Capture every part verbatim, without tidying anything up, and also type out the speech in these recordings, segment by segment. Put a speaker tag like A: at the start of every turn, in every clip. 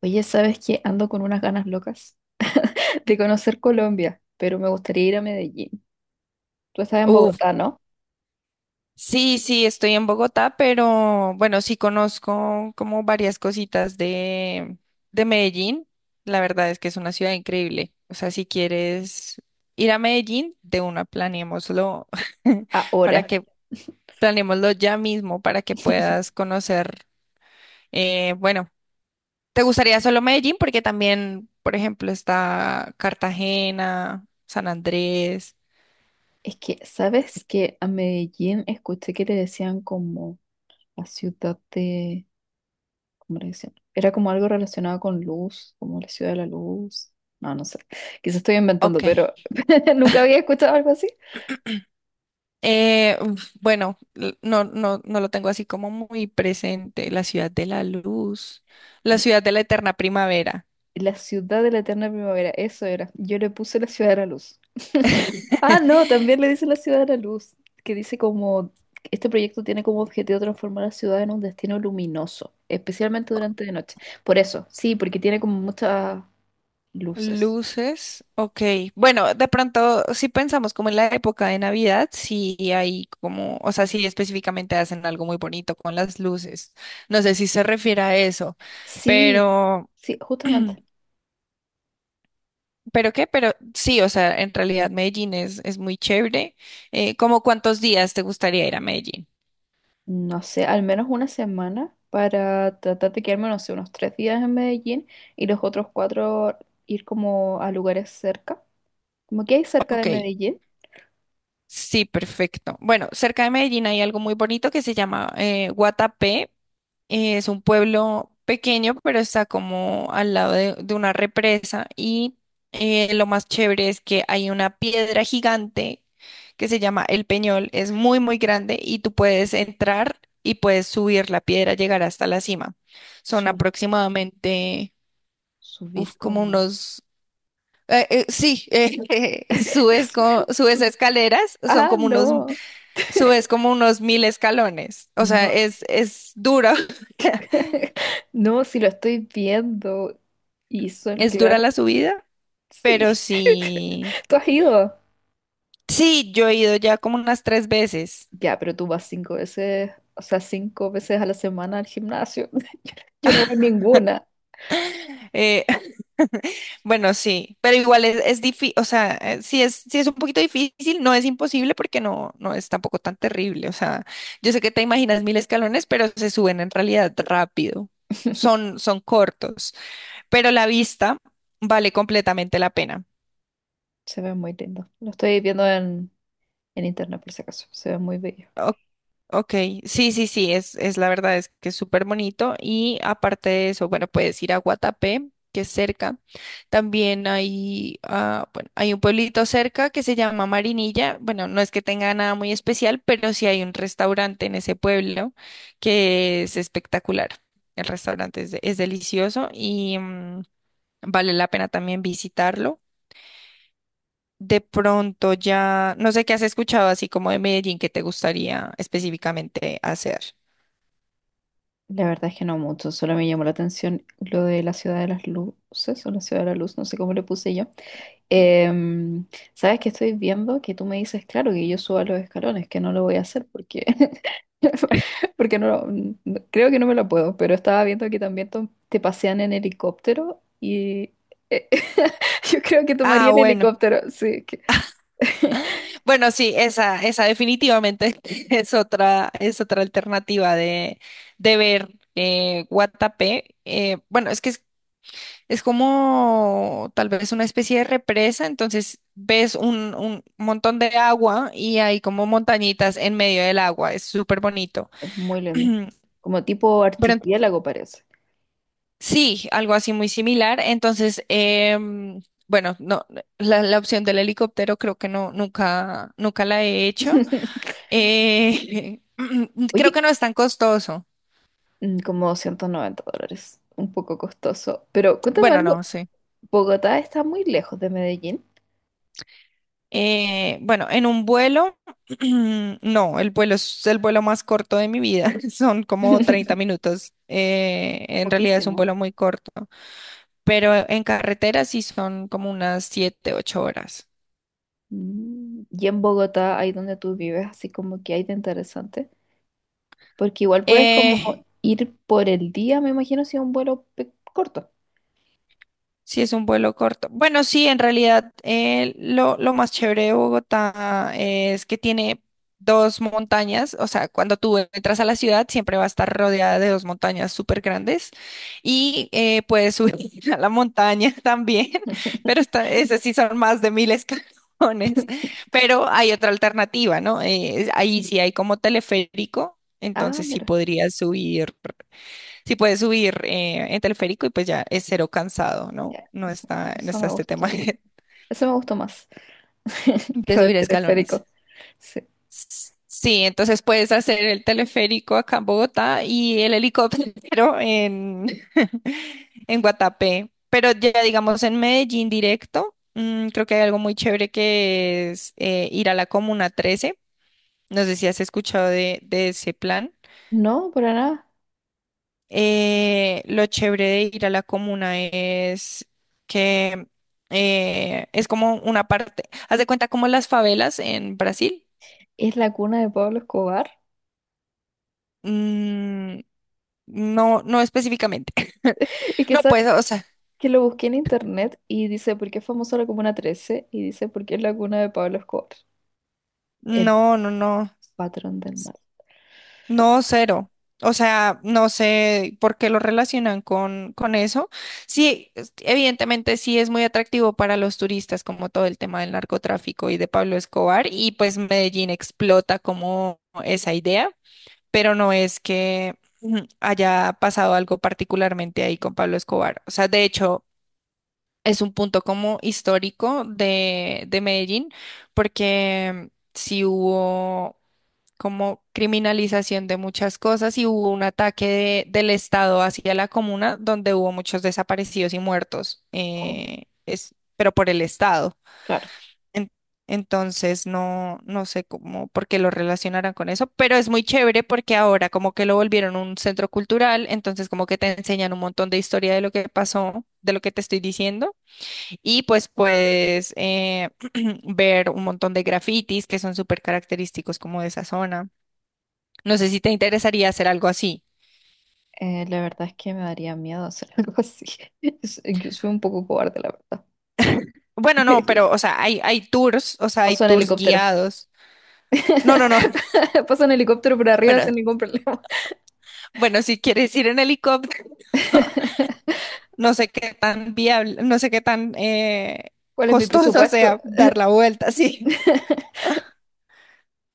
A: Oye, ¿sabes qué? Ando con unas ganas locas de conocer Colombia, pero me gustaría ir a Medellín. Tú estás en
B: Uf,
A: Bogotá, ¿no?
B: sí, sí, estoy en Bogotá, pero bueno, sí conozco como varias cositas de, de Medellín. La verdad es que es una ciudad increíble. O sea, si quieres ir a Medellín, de una planeémoslo para
A: Ahora.
B: que planeémoslo ya mismo para que puedas conocer. Eh, bueno, ¿te gustaría solo Medellín? Porque también, por ejemplo, está Cartagena, San Andrés.
A: Es que, ¿sabes que A Medellín escuché que le decían como la ciudad de... ¿Cómo le decían? Era como algo relacionado con luz, como la ciudad de la luz. No, no sé. Quizás estoy inventando,
B: Ok.
A: pero nunca había escuchado algo así.
B: Eh, uf, bueno, l- no, no, no lo tengo así como muy presente. La ciudad de la luz, la ciudad de la eterna primavera.
A: La ciudad de la eterna primavera, eso era. Yo le puse la ciudad de la luz. Ah, no, también le dice la ciudad de la luz, que dice como este proyecto tiene como objetivo transformar la ciudad en un destino luminoso, especialmente durante la noche. Por eso, sí, porque tiene como muchas luces.
B: Luces, ok. Bueno, de pronto, si pensamos como en la época de Navidad, sí hay como, o sea, sí específicamente hacen algo muy bonito con las luces. No sé si se refiere a eso,
A: Sí,
B: pero,
A: sí, justamente.
B: ¿pero qué? Pero sí, o sea, en realidad Medellín es, es muy chévere. Eh, ¿cómo cuántos días te gustaría ir a Medellín?
A: No sé, al menos una semana para tratar de quedarme, no sé, unos tres días en Medellín y los otros cuatro ir como a lugares cerca. Como que hay cerca de
B: Ok.
A: Medellín.
B: Sí, perfecto. Bueno, cerca de Medellín hay algo muy bonito que se llama eh, Guatapé. Eh, es un pueblo pequeño, pero está como al lado de, de una represa y eh, lo más chévere es que hay una piedra gigante que se llama El Peñol. Es muy, muy grande y tú puedes entrar y puedes subir la piedra, llegar hasta la cima. Son
A: Su-
B: aproximadamente,
A: subir
B: uf, como
A: como...
B: unos... eh, eh, sí, eh, subes, co- subes escaleras, son
A: Ah,
B: como unos
A: no.
B: subes como unos mil escalones. O sea,
A: No,
B: es, es duro,
A: no, si lo estoy viendo. Y son,
B: es dura
A: claro,
B: la subida,
A: sí.
B: pero sí,
A: ¿Tú has ido?
B: sí, yo he ido ya como unas tres veces.
A: Ya, pero tú vas cinco veces, o sea, cinco veces a la semana al gimnasio. Yo no voy ninguna.
B: Eh, bueno, sí, pero igual es, es difícil, o sea, eh, sí es, sí es un poquito difícil, no es imposible porque no, no es tampoco tan terrible. O sea, yo sé que te imaginas mil escalones, pero se suben en realidad rápido. Son, son cortos, pero la vista vale completamente la pena.
A: Se ve muy lindo. Lo estoy viendo en, en internet por si acaso. Se ve muy bello.
B: Ok. Ok, sí, sí, sí, es, es la verdad, es que es súper bonito y aparte de eso, bueno, puedes ir a Guatapé, que es cerca. También hay, ah, bueno, hay un pueblito cerca que se llama Marinilla. Bueno, no es que tenga nada muy especial, pero sí hay un restaurante en ese pueblo que es espectacular. El restaurante es, de- es delicioso y mm, vale la pena también visitarlo. De pronto ya, no sé qué has escuchado así como de Medellín que te gustaría específicamente hacer.
A: La verdad es que no mucho, solo me llamó la atención lo de la ciudad de las luces o la ciudad de la luz, no sé cómo le puse yo. Em, ¿sabes qué estoy viendo? Que tú me dices, claro, que yo suba los escalones, que no lo voy a hacer porque, porque no, lo- n- creo que no me lo puedo, pero estaba viendo que también to- te pasean en helicóptero y eh, yo creo que tomaría
B: Ah,
A: en
B: bueno.
A: helicóptero, sí, que-
B: Bueno, sí, esa, esa definitivamente es otra, es otra alternativa de, de ver eh, Guatapé. Eh, bueno, es que es, es como tal vez una especie de represa, entonces ves un, un montón de agua y hay como montañitas en medio del agua, es súper bonito.
A: es muy lindo, como tipo
B: Pero
A: archipiélago parece.
B: sí, algo así muy similar. Entonces, em, bueno, no, la, la opción del helicóptero creo que no, nunca, nunca la he hecho. Eh, creo
A: Oye,
B: que
A: creo
B: no es tan costoso.
A: que mm, como ciento noventa dólares, un poco costoso, pero cuéntame
B: Bueno,
A: algo.
B: no, sí.
A: ¿Bogotá está muy lejos de Medellín?
B: Eh, bueno, en un vuelo, no, el vuelo es el vuelo más corto de mi vida. Son como treinta minutos. Eh, en realidad es un
A: Poquísimo.
B: vuelo muy corto, pero en carretera sí son como unas siete, ocho horas.
A: Mm. Y en Bogotá, ahí donde tú vives, así como que hay de interesante, porque igual puedes como
B: Eh,
A: ir por el día, me imagino, si es un vuelo pe- corto.
B: Si es un vuelo corto. Bueno, sí, en realidad eh, lo, lo más chévere de Bogotá es que tiene dos montañas, o sea, cuando tú entras a la ciudad siempre va a estar rodeada de dos montañas súper grandes y eh, puedes subir a la montaña también, pero esta- esas sí son más de mil escalones, pero hay otra alternativa, ¿no? Eh, ahí sí hay como teleférico,
A: Ah,
B: entonces sí
A: mira,
B: podrías subir. Sí puedes subir eh, en teleférico y pues ya es cero cansado, ¿no?
A: ya,
B: No
A: eso,
B: está, no
A: eso
B: está
A: me
B: este tema
A: gustó,
B: de
A: eso me gustó más,
B: de
A: lo del
B: subir escalones.
A: teleférico. Sí.
B: S- Sí, entonces puedes hacer el teleférico acá en Bogotá y el helicóptero en, en Guatapé. Pero ya digamos en Medellín directo, mm, creo que hay algo muy chévere que es eh, ir a la Comuna trece. No sé si has escuchado de, de ese plan.
A: No, para nada,
B: Eh, lo chévere de ir a la comuna es que eh, es como una parte, haz de cuenta como las favelas en Brasil.
A: es la cuna de Pablo Escobar.
B: Mm, no, no específicamente.
A: Es que,
B: No,
A: ¿sabes?
B: pues, o
A: Bueno,
B: sea,
A: que lo busqué en internet y dice, ¿por qué es famosa la Comuna trece? Y dice, porque es la cuna de Pablo Escobar, el
B: no, no, no,
A: patrón del mal.
B: no, cero. O sea, no sé por qué lo relacionan con, con eso. Sí, es- evidentemente sí es muy atractivo para los turistas, como todo el tema del narcotráfico y de Pablo Escobar, y pues Medellín explota como esa idea. Pero no es que mm, haya pasado algo particularmente ahí con Pablo Escobar. O sea, de hecho, es un punto como histórico de, de Medellín, porque sí hubo como criminalización de muchas cosas y hubo un ataque de- del Estado hacia la comuna donde hubo muchos desaparecidos y muertos,
A: Oh,
B: eh, es, pero por el Estado.
A: claro.
B: En- Entonces no, no sé cómo, por qué lo relacionarán con eso, pero es muy chévere porque ahora como que lo volvieron un centro cultural, entonces como que te enseñan un montón de historia de lo que pasó, de lo que te estoy diciendo, y pues puedes eh, ver un montón de grafitis que son súper característicos como de esa zona. No sé si te interesaría hacer algo así.
A: Eh, la verdad es que me daría miedo hacer algo así. Es- Yo soy un poco cobarde, la verdad.
B: Bueno, no, pero o sea, hay, hay tours, o sea, hay
A: Paso en
B: tours
A: helicóptero.
B: guiados. No, no, no.
A: Paso en helicóptero por arriba
B: Bueno,
A: sin ningún problema.
B: bueno, si quieres ir en helicóptero. No sé qué tan viable, no sé qué tan eh,
A: ¿Cuál es mi
B: costoso
A: presupuesto?
B: sea dar la vuelta, sí.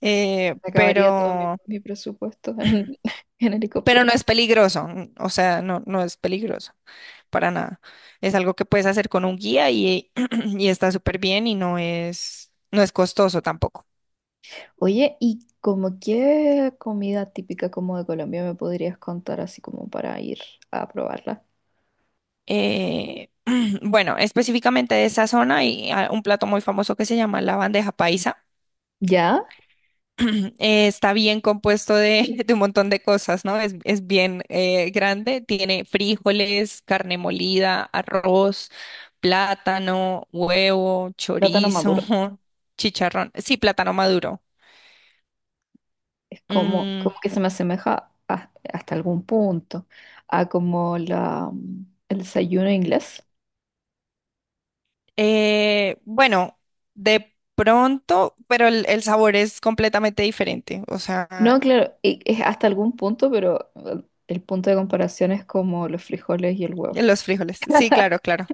B: Eh,
A: Me acabaría todo mi,
B: pero,
A: mi presupuesto en, en
B: pero no es
A: helicópteros.
B: peligroso, n- o sea, no, no es peligroso para nada. Es algo que puedes hacer con un guía y, y está súper bien y no es, no es costoso tampoco.
A: Oye, ¿y como qué comida típica como de Colombia me podrías contar así como para ir a probarla?
B: Eh, bueno, específicamente de esa zona hay ah, un plato muy famoso que se llama la bandeja paisa.
A: ¿Ya?
B: Eh, está bien compuesto de, de un montón de cosas, ¿no? Es, es bien eh, grande, tiene frijoles, carne molida, arroz, plátano, huevo,
A: Plátano
B: chorizo,
A: maduro.
B: chicharrón, sí, plátano maduro.
A: Es como,
B: Mm,
A: como que se me asemeja a- hasta algún punto a como la, mm, el desayuno inglés.
B: eh, bueno, de pronto, pero el, el sabor es completamente diferente, o sea,
A: No, claro, e- es hasta algún punto, pero eh, el punto de comparación es como los frijoles y el huevo.
B: los frijoles, sí, claro, claro.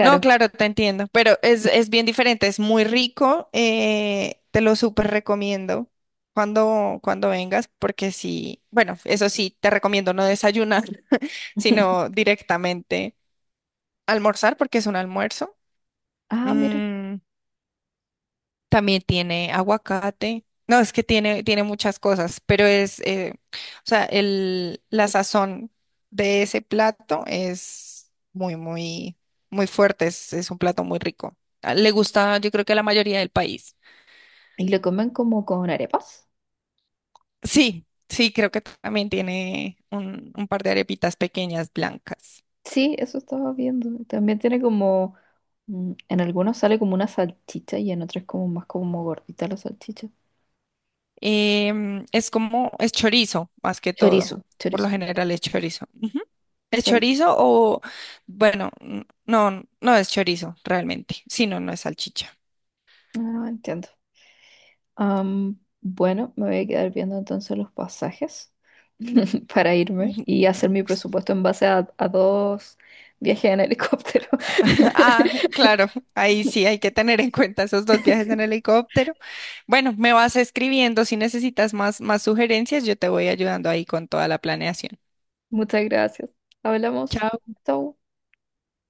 B: No, claro, te entiendo, pero es, es bien diferente, es muy rico, eh, te lo súper recomiendo cuando, cuando vengas, porque sí, bueno, eso sí, te recomiendo no desayunar, sino directamente almorzar, porque es un almuerzo.
A: Ah, mira.
B: Mm. También tiene aguacate. No, es que tiene, tiene, muchas cosas, pero es, eh, o sea, el, la sazón de ese plato es muy, muy, muy fuerte. Es, es un plato muy rico. Ah, le gusta, yo creo que a la mayoría del país.
A: ¿Y lo comen como con arepas?
B: Sí, sí, creo que también tiene un, un par de arepitas pequeñas blancas.
A: Sí, eso estaba viendo. También tiene como, mm, en algunos sale como una salchicha y en otros como más como gordita la salchicha.
B: Em, es como, es chorizo, más que todo.
A: Chorizo,
B: Por
A: chorizo.
B: lo general es chorizo. Ujú. ¿Es
A: Quizá,
B: chorizo o, bueno, n- no, no es chorizo realmente. Si no, no es salchicha.
A: ah, entiendo. Am, bueno, me voy a quedar viendo entonces los pasajes para irme
B: Ujú.
A: y hacer mi presupuesto en base a, a dos viajes en helicóptero.
B: Ah, claro, ahí sí hay que tener en cuenta esos dos viajes en helicóptero. Bueno, me vas escribiendo si necesitas más, más, sugerencias, yo te voy ayudando ahí con toda la planeación.
A: Muchas gracias. Hablamos.
B: Chao.
A: Chau.